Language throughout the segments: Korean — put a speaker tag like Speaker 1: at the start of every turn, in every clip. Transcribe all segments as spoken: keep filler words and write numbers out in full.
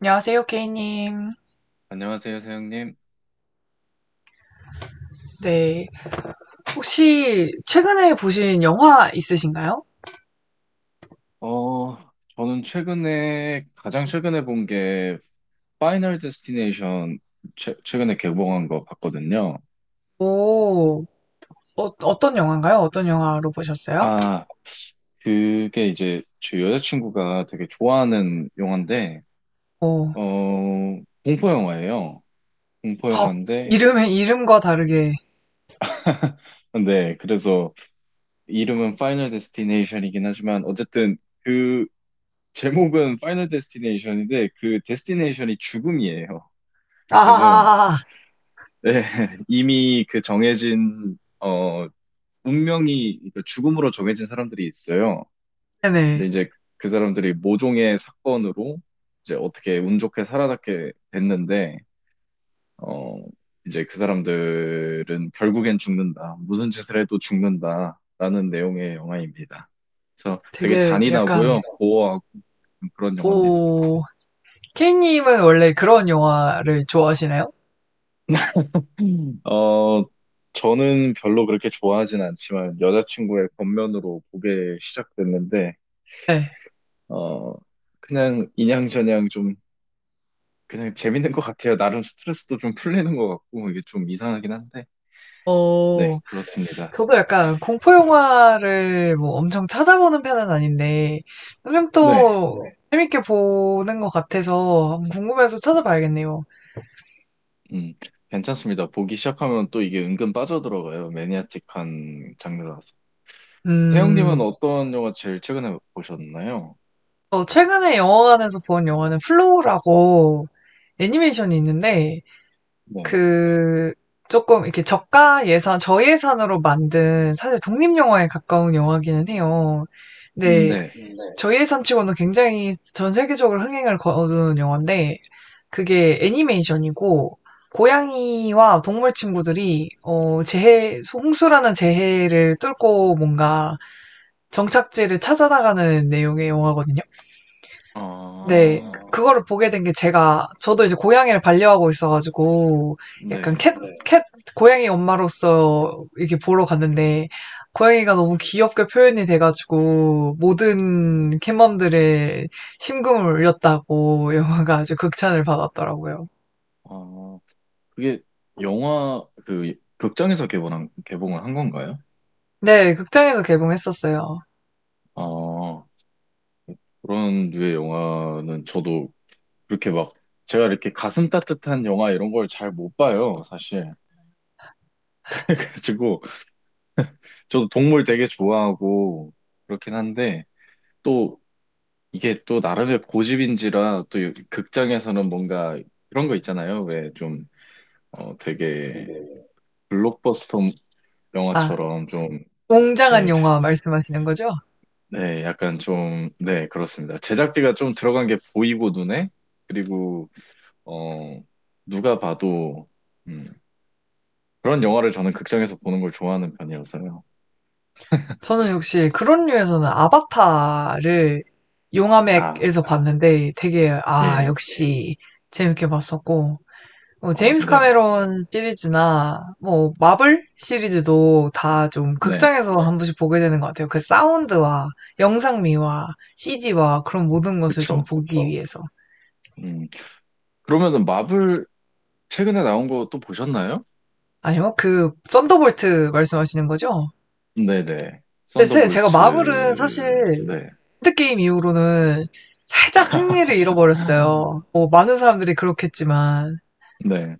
Speaker 1: 안녕하세요, 케이님.
Speaker 2: 안녕하세요, 사영님.
Speaker 1: 네. 혹시 최근에 보신 영화 있으신가요?
Speaker 2: 어, 저는 최근에, 가장 최근에 본 게, 파이널 데스티네이션 최, 최근에 개봉한 거 봤거든요.
Speaker 1: 오, 어, 떤 영화인가요? 어떤 영화로 보셨어요?
Speaker 2: 아, 그게 이제 제 여자친구가 되게 좋아하는 영화인데,
Speaker 1: 오,
Speaker 2: 어, 공포 영화예요. 공포
Speaker 1: 헉,
Speaker 2: 영화인데,
Speaker 1: 이름의 이름과 다르게.
Speaker 2: 네, 그래서 이름은 파이널 데스티네이션이긴 하지만, 어쨌든 그 제목은 파이널 데스티네이션인데, 그 데스티네이션이 죽음이에요. 그래서,
Speaker 1: 아,
Speaker 2: 네, 이미 그 정해진, 어, 운명이, 그 죽음으로 정해진 사람들이 있어요. 근데
Speaker 1: 네네.
Speaker 2: 이제 그 사람들이 모종의 사건으로 이제 어떻게 운 좋게 살아남게 됐는데, 어, 이제 그 사람들은 결국엔 죽는다. 무슨 짓을 해도 죽는다. 라는 내용의 영화입니다. 그래서 되게
Speaker 1: 되게 약간,
Speaker 2: 잔인하고요, 고어하고 그런 영화입니다.
Speaker 1: 오, 케이님은 원래 그런 영화를 좋아하시나요?
Speaker 2: 음. 어, 저는 별로 그렇게 좋아하진 않지만 여자친구의 권면으로 보게 시작됐는데,
Speaker 1: 네.
Speaker 2: 어, 그냥 인양저냥 좀 그냥 재밌는 것 같아요. 나름 스트레스도 좀 풀리는 것 같고 이게 좀 이상하긴 한데, 네,
Speaker 1: 오.
Speaker 2: 그렇습니다.
Speaker 1: 저도 약간 공포 영화를 뭐 엄청 찾아보는 편은 아닌데 그냥
Speaker 2: 네,
Speaker 1: 또 재밌게 보는 것 같아서 한번 궁금해서 찾아봐야겠네요.
Speaker 2: 음, 괜찮습니다. 보기 시작하면 또 이게 은근 빠져들어가요. 매니아틱한 장르라서. 세영님은
Speaker 1: 음,
Speaker 2: 어떤 영화 제일 최근에 보셨나요?
Speaker 1: 저 최근에 영화관에서 본 영화는 플로우라고 애니메이션이 있는데
Speaker 2: 네,
Speaker 1: 그 조금 이렇게 저가 예산, 저예산으로 만든 사실 독립 영화에 가까운 영화기는 해요.
Speaker 2: 음,
Speaker 1: 근데
Speaker 2: 네,
Speaker 1: 저예산치고는 굉장히 전 세계적으로 흥행을 거둔 영화인데 그게 애니메이션이고 고양이와 동물 친구들이 어 재해 홍수라는 재해를 뚫고 뭔가 정착지를 찾아 나가는 내용의 영화거든요. 네.
Speaker 2: 아,
Speaker 1: 그거를 보게 된 게 제가 저도 이제 고양이를 반려하고 있어가지고 약간
Speaker 2: 네.
Speaker 1: 캣, 캣 고양이 엄마로서 이렇게 보러 갔는데 고양이가 너무 귀엽게 표현이 돼가지고 모든 캣맘들의 심금을 울렸다고 영화가 아주 극찬을 받았더라고요.
Speaker 2: 아, 그게 영화 그 극장에서 개봉한 개봉을 한 건가요?
Speaker 1: 네, 극장에서 개봉했었어요.
Speaker 2: 아, 그런 류의 영화는 저도 그렇게 막 제가 이렇게 가슴 따뜻한 영화 이런 걸 잘 못 봐요 사실. 그래가지고 저도 동물 되게 좋아하고 그렇긴 한데 또 이게 또 나름의 고집인지라 또 이- 극장에서는 뭔가 그런 거 있잖아요. 왜 좀 어 되게 블록버스터
Speaker 1: 아,
Speaker 2: 영화처럼 좀.
Speaker 1: 웅장한
Speaker 2: 예,
Speaker 1: 영화 말씀하시는 거죠?
Speaker 2: 네, 약간 좀, 네, 그렇습니다. 제작비가 좀 들어간 게 보이고 눈에, 그리고, 어, 누가 봐도, 음, 그런 영화를 저는 극장에서 보는 걸 좋아하는 편이어서요.
Speaker 1: 저는 역시 그런 류에서는 아바타를
Speaker 2: 아,
Speaker 1: 용암액에서 봤는데 되게, 아,
Speaker 2: 예,
Speaker 1: 역시 재밌게 봤었고, 뭐,
Speaker 2: 아,
Speaker 1: 제임스
Speaker 2: 네,
Speaker 1: 카메론 시리즈나 뭐, 마블 시리즈도 다 좀
Speaker 2: 네,
Speaker 1: 극장에서 한 번씩 보게 되는 것 같아요. 그 사운드와 영상미와 씨지와 그런 모든 것을 좀
Speaker 2: 그쵸.
Speaker 1: 보기 위해서.
Speaker 2: 음, 그러면은 마블 최근에 나온 거 또 보셨나요?
Speaker 1: 아니요, 그 썬더볼트 말씀하시는 거죠?
Speaker 2: 네네,
Speaker 1: 근데 제, 제가
Speaker 2: 썬더볼츠,
Speaker 1: 마블은 사실
Speaker 2: 네.
Speaker 1: 핸드게임 이후로는 살짝 흥미를 잃어버렸어요. 뭐, 많은 사람들이 그렇겠지만,
Speaker 2: 네,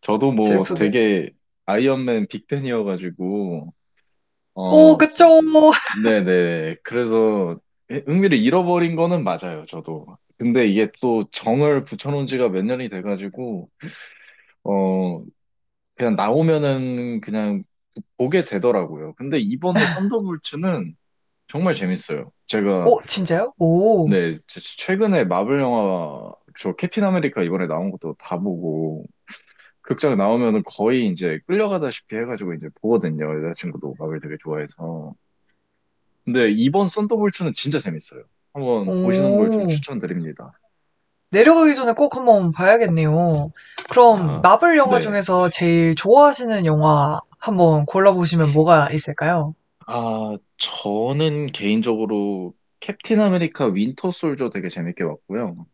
Speaker 2: 저도 뭐
Speaker 1: 슬프게.
Speaker 2: 되게 아이언맨 빅팬이어가지고,
Speaker 1: 오,
Speaker 2: 어,
Speaker 1: 그쵸.
Speaker 2: 네네. 그래서 흥미를 잃어버린 거는 맞아요, 저도. 근데 이게 또 정을 붙여놓은 지가 몇 년이 돼가지고, 어, 그냥 나오면은 그냥 보게 되더라고요. 근데 이번에 썬더볼츠는 정말 재밌어요. 제가,
Speaker 1: 오, 진짜요? 오,
Speaker 2: 네, 제- 최근에 마블 영화, 저 캡틴 아메리카 이번에 나온 것도 다 보고, 극장 나오면은 거의 이제 끌려가다시피 해가지고 이제 보거든요. 여자친구도 마블 되게 좋아해서. 근데 이번 썬더볼츠는 진짜 재밌어요. 한번 보시는 걸 좀
Speaker 1: 오.
Speaker 2: 추천드립니다.
Speaker 1: 내려가기 전에 꼭 한번 봐야겠네요. 그럼,
Speaker 2: 아,
Speaker 1: 마블 영화
Speaker 2: 네.
Speaker 1: 중에서 제일 좋아하시는 영화 한번 골라보시면 뭐가 있을까요?
Speaker 2: 아, 저는 개인적으로 캡틴 아메리카 윈터 솔저 되게 재밌게 봤고요.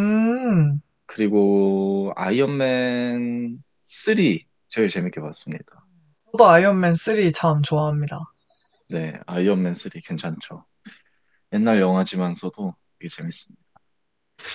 Speaker 1: 음,
Speaker 2: 그리고 아이언맨 쓰리 제일 재밌게 봤습니다.
Speaker 1: 저도 아이언맨 쓰리 참 좋아합니다.
Speaker 2: 네, 아이언맨 쓰리 괜찮죠. 옛날 영화지만서도 되게 재밌습니다.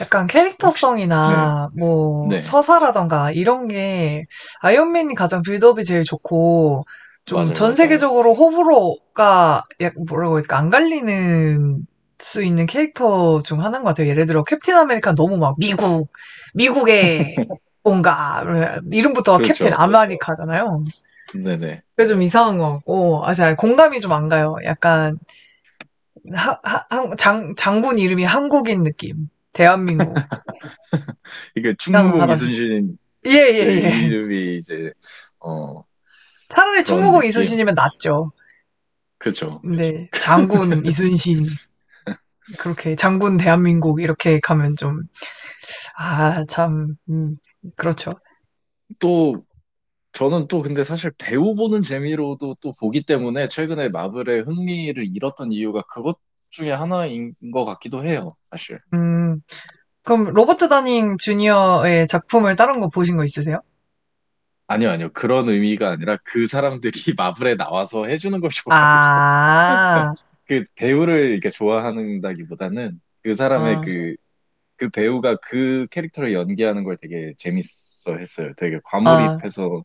Speaker 1: 약간
Speaker 2: 혹시, 네,
Speaker 1: 캐릭터성이나 뭐
Speaker 2: 네,
Speaker 1: 서사라던가 이런 게 아이언맨이 가장 빌드업이 제일 좋고 좀
Speaker 2: 맞아요,
Speaker 1: 전
Speaker 2: 맞아요.
Speaker 1: 세계적으로 호불호가 약 뭐라고 해야 될까 안 갈리는 수 있는 캐릭터 중 하나인 것 같아요. 예를 들어 캡틴 아메리카 너무 막 미국, 미국의 뭔가 이름부터 캡틴 그렇죠.
Speaker 2: 그렇죠.
Speaker 1: 아메리카잖아요.
Speaker 2: 네네.
Speaker 1: 그게 좀 이상한 것 같고 아, 잘 공감이 좀 안 가요. 약간 하- 하- 한- 장, 장군 이름이 한국인 느낌. 대한민국. 음,
Speaker 2: 이게 충무공
Speaker 1: 이상하다 싶어요.
Speaker 2: 이순신
Speaker 1: 예,
Speaker 2: 그
Speaker 1: 예, 예.
Speaker 2: 이름이 이제 어,
Speaker 1: 차라리
Speaker 2: 그런
Speaker 1: 충무공
Speaker 2: 느낌.
Speaker 1: 이순신이면 낫죠.
Speaker 2: 그죠.
Speaker 1: 근데 장군 이순신 그렇게 장군 대한민국 이렇게 가면 좀 아, 참 음, 그렇죠.
Speaker 2: 또, 저는 또 근데 사실 배우 보는 재미로도 또 보기 때문에 최근에 마블의 흥미를 잃었던 이유가 그것 중에 하나인 것 같기도 해요, 사실.
Speaker 1: 음, 그럼 로버트 다닝 주니어의 작품을 다른 거 보신 거 있으세요?
Speaker 2: 아니요, 아니요. 그런 의미가 아니라 그 사람들이 마블에 나와서 해주는 걸 좋아해.
Speaker 1: 아,
Speaker 2: 그 배우를 이렇게 좋아한다기보다는 그 사람의
Speaker 1: 아,
Speaker 2: 그, 그 배우가 그 캐릭터를 연기하는 걸 되게 재밌어 했어요. 되게
Speaker 1: 아,
Speaker 2: 과몰입해서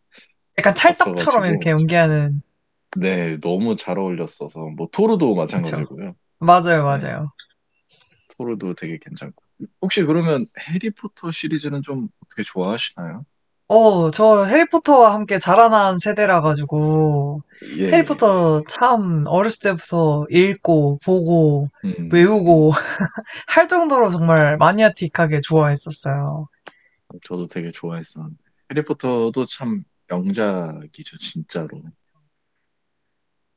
Speaker 1: 약간 찰떡처럼
Speaker 2: 봤어가지고.
Speaker 1: 이렇게 연기하는
Speaker 2: 네, 너무 잘 어울렸어서. 뭐, 토르도
Speaker 1: 그렇죠.
Speaker 2: 마찬가지고요.
Speaker 1: 맞아요,
Speaker 2: 네.
Speaker 1: 맞아요.
Speaker 2: 토르도 되게 괜찮고. 혹시 그러면 해리포터 시리즈는 좀 어떻게 좋아하시나요?
Speaker 1: 어, 저 해리포터와 함께 자라난 세대라 가지고
Speaker 2: 예, 예.
Speaker 1: 해리포터 참 어렸을 때부터 읽고 보고
Speaker 2: 음,
Speaker 1: 외우고
Speaker 2: 음.
Speaker 1: 할 정도로 정말 마니아틱하게 좋아했었어요.
Speaker 2: 저도 되게 좋아했었는데. 해리포터도 참 명작이죠, 진짜로.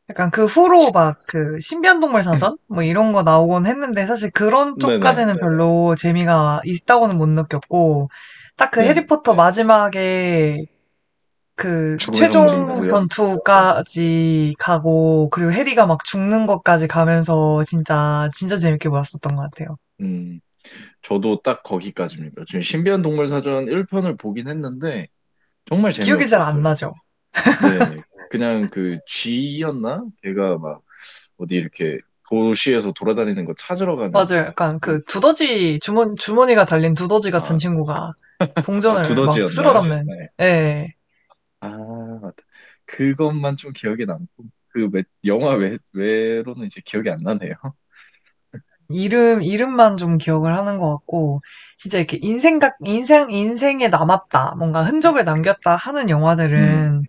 Speaker 1: 약간 그 후로 막 그 신비한동물 사전 뭐 이런 거 나오곤 했는데 사실 그런
Speaker 2: 네네.
Speaker 1: 쪽까지는 별로 재미가 있다고는 못 느꼈고 딱 그
Speaker 2: 네.
Speaker 1: 해리포터 네. 마지막에 그
Speaker 2: 죽음의 성물이
Speaker 1: 최종
Speaker 2: 있고요. 네.
Speaker 1: 전투까지 가고 그리고 해리가 막 죽는 것까지 가면서 진짜 진짜 재밌게 보았었던 것 같아요.
Speaker 2: 음, 저도 딱 거기까지입니다. 지금 신비한 동물 사전 일 편을 보긴 했는데, 정말
Speaker 1: 기억이 잘 안
Speaker 2: 재미없었어요.
Speaker 1: 나죠?
Speaker 2: 네. 그냥 그 쥐였나? 걔가 막 어디 이렇게 도시에서 돌아다니는 거 찾으러 가는
Speaker 1: 맞아요. 약간
Speaker 2: 그,
Speaker 1: 그 두더지 주머 주머니가 달린 두더지 같은
Speaker 2: 아,
Speaker 1: 친구가
Speaker 2: 아,
Speaker 1: 동전을 막 쓸어
Speaker 2: 두더지였나요?
Speaker 1: 담는
Speaker 2: 네.
Speaker 1: 예.
Speaker 2: 아, 맞다. 그것만 좀 기억에 남고, 그 외, 영화 외, 외로는 이제 기억이 안 나네요.
Speaker 1: 이름 이름만 좀 기억을 하는 것 같고 진짜 이렇게 인생 각 인생 인생에 남았다 뭔가 흔적을 남겼다 하는
Speaker 2: 음,
Speaker 1: 영화들은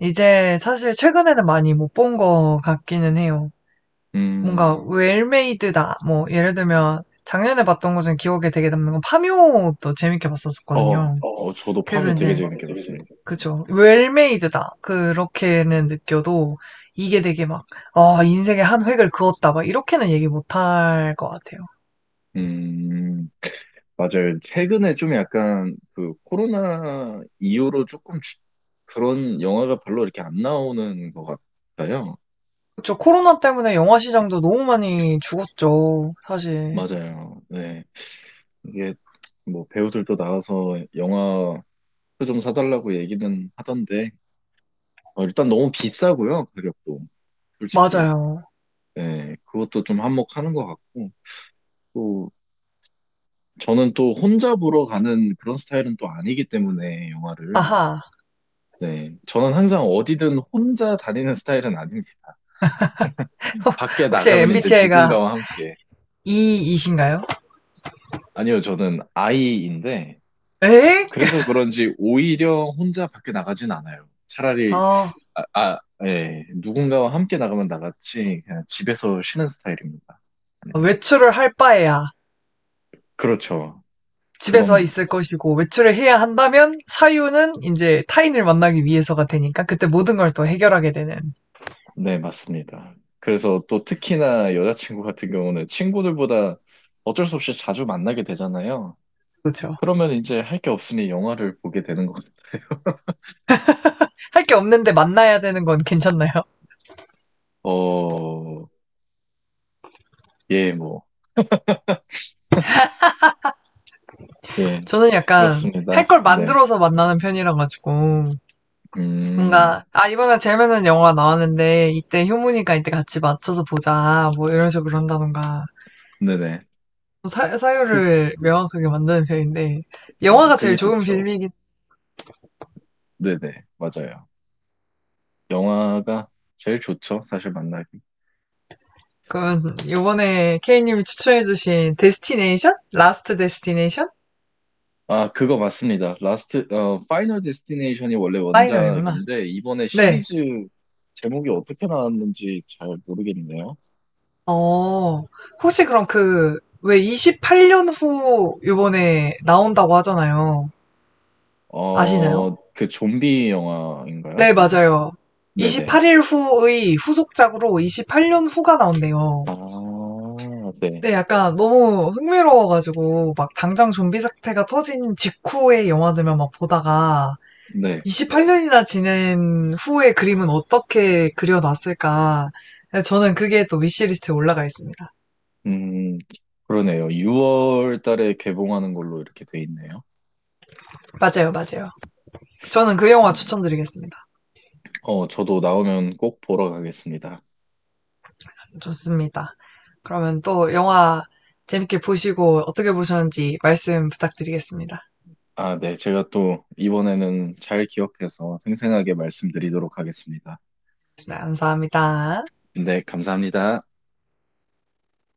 Speaker 1: 이제 사실 최근에는 많이 못 본 것 같기는 해요. 뭔가
Speaker 2: 음,
Speaker 1: 웰메이드다. 뭐 예를 들면 작년에 봤던 것 중에 기억에 되게 남는 건 파묘도 재밌게
Speaker 2: 어,
Speaker 1: 봤었거든요.
Speaker 2: 어, 저도
Speaker 1: 그래서
Speaker 2: 파묘
Speaker 1: 이제
Speaker 2: 되게
Speaker 1: 면
Speaker 2: 재밌게
Speaker 1: 재밌
Speaker 2: 봤습니다.
Speaker 1: 그쵸. 웰메이드다. 그렇게는 느껴도 이게 되게 막, 아, 인생의 한 획을 그었다. 막 이렇게는 얘기 못 할 것 같아요.
Speaker 2: 음, 맞아요. 최근에 좀 약간 그 코로나 이후로 조금 주- 그런 영화가 별로 이렇게 안 나오는 것 같아요.
Speaker 1: 그쵸. 코로나 때문에 영화 시장도 너무 많이 죽었죠. 사실.
Speaker 2: 맞아요. 네. 이게 뭐 배우들도 나와서 영화 표좀 사달라고 얘기는 하던데, 어, 일단 너무 비싸고요, 가격도. 솔직히.
Speaker 1: 맞아요.
Speaker 2: 예, 그것도 좀 한몫하는 것 같고. 또, 저는 또 혼자 보러 가는 그런 스타일은 또 아니기 때문에, 영화를.
Speaker 1: 아하.
Speaker 2: 네. 저는 항상 어디든 혼자 다니는 스타일은 아닙니다. 밖에
Speaker 1: 혹시
Speaker 2: 나가면 이제
Speaker 1: 엠비티아이가
Speaker 2: 누군가와 함께.
Speaker 1: 이이신가요?
Speaker 2: 아니요, 저는 아이인데,
Speaker 1: 에?
Speaker 2: 그래서 그런지 오히려 혼자 밖에 나가진 않아요. 차라리,
Speaker 1: 아,
Speaker 2: 아, 아, 예, 누군가와 함께 나가면 나갔지, 그냥 집에서 쉬는 스타일입니다. 아니면,
Speaker 1: 외출을 할 바에야.
Speaker 2: 그렇죠.
Speaker 1: 집에서
Speaker 2: 그겁니다.
Speaker 1: 있을 것이고 외출을 해야 한다면 사유는 이제 타인을 만나기 위해서가 되니까 그때 모든 걸 또 해결하게 되는
Speaker 2: 네, 맞습니다. 그래서 또 특히나 여자친구 같은 경우는 친구들보다 어쩔 수 없이 자주 만나게 되잖아요.
Speaker 1: 그렇죠.
Speaker 2: 그러면 이제 할 게 없으니 영화를 보게 되는 거죠.
Speaker 1: 할 게 없는데 만나야 되는 건 괜찮나요?
Speaker 2: 어, 예, 뭐, 예,
Speaker 1: 저는 약간 할
Speaker 2: 그렇습니다.
Speaker 1: 걸
Speaker 2: 네,
Speaker 1: 만들어서 만나는 편이라 가지고
Speaker 2: 음,
Speaker 1: 뭔가 아 이번에 재밌는 영화 나왔는데 이때 효문이가 이때 같이 맞춰서 보자 뭐 이런 식으로 한다던가
Speaker 2: 네네.
Speaker 1: 사,
Speaker 2: 그,
Speaker 1: 사유를 명확하게 만드는 편인데
Speaker 2: 아,
Speaker 1: 영화가 제일
Speaker 2: 그게
Speaker 1: 좋은
Speaker 2: 좋죠.
Speaker 1: 빌미긴
Speaker 2: 네네, 맞아요. 영화가 제일 좋죠. 사실 만나기.
Speaker 1: 그건 요번에 케이님이 추천해주신 데스티네이션? 라스트 데스티네이션?
Speaker 2: 아, 그거 맞습니다. 라스트, 어, 파이널 데스티네이션이 원래
Speaker 1: 파이널이구나.
Speaker 2: 원작인데, 이번에
Speaker 1: 네.
Speaker 2: 시리즈 제목이 어떻게 나왔는지 잘 모르겠네요.
Speaker 1: 어, 혹시 그럼 그, 왜 이십팔 년 후 요번에 나온다고 하잖아요.
Speaker 2: 어,
Speaker 1: 아시나요?
Speaker 2: 그 좀비
Speaker 1: 네,
Speaker 2: 영화인가요? 그거?
Speaker 1: 맞아요.
Speaker 2: 네네.
Speaker 1: 이십팔 일 후의 후속작으로 이십팔 년 후가 나온대요.
Speaker 2: 아, 네.
Speaker 1: 네, 약간 너무 흥미로워가지고, 막 당장 좀비 사태가 터진 직후의 영화들만 막 보다가,
Speaker 2: 네.
Speaker 1: 이십팔 년이나 지낸 후의 그림은 어떻게 그려놨을까. 저는 그게 또 위시리스트에 올라가 있습니다.
Speaker 2: 음, 그러네요. 유월 달에 개봉하는 걸로 이렇게 돼 있네요.
Speaker 1: 맞아요, 맞아요. 저는 그 영화
Speaker 2: 음,
Speaker 1: 추천드리겠습니다.
Speaker 2: 어, 저도 나오면 꼭 보러 가겠습니다.
Speaker 1: 좋습니다. 그러면 또 영화 재밌게 보시고 어떻게 보셨는지 말씀 부탁드리겠습니다.
Speaker 2: 아, 네. 제가 또 이번에는 잘 기억해서 생생하게 말씀드리도록 하겠습니다.
Speaker 1: 네, 감사합니다.
Speaker 2: 네, 감사합니다.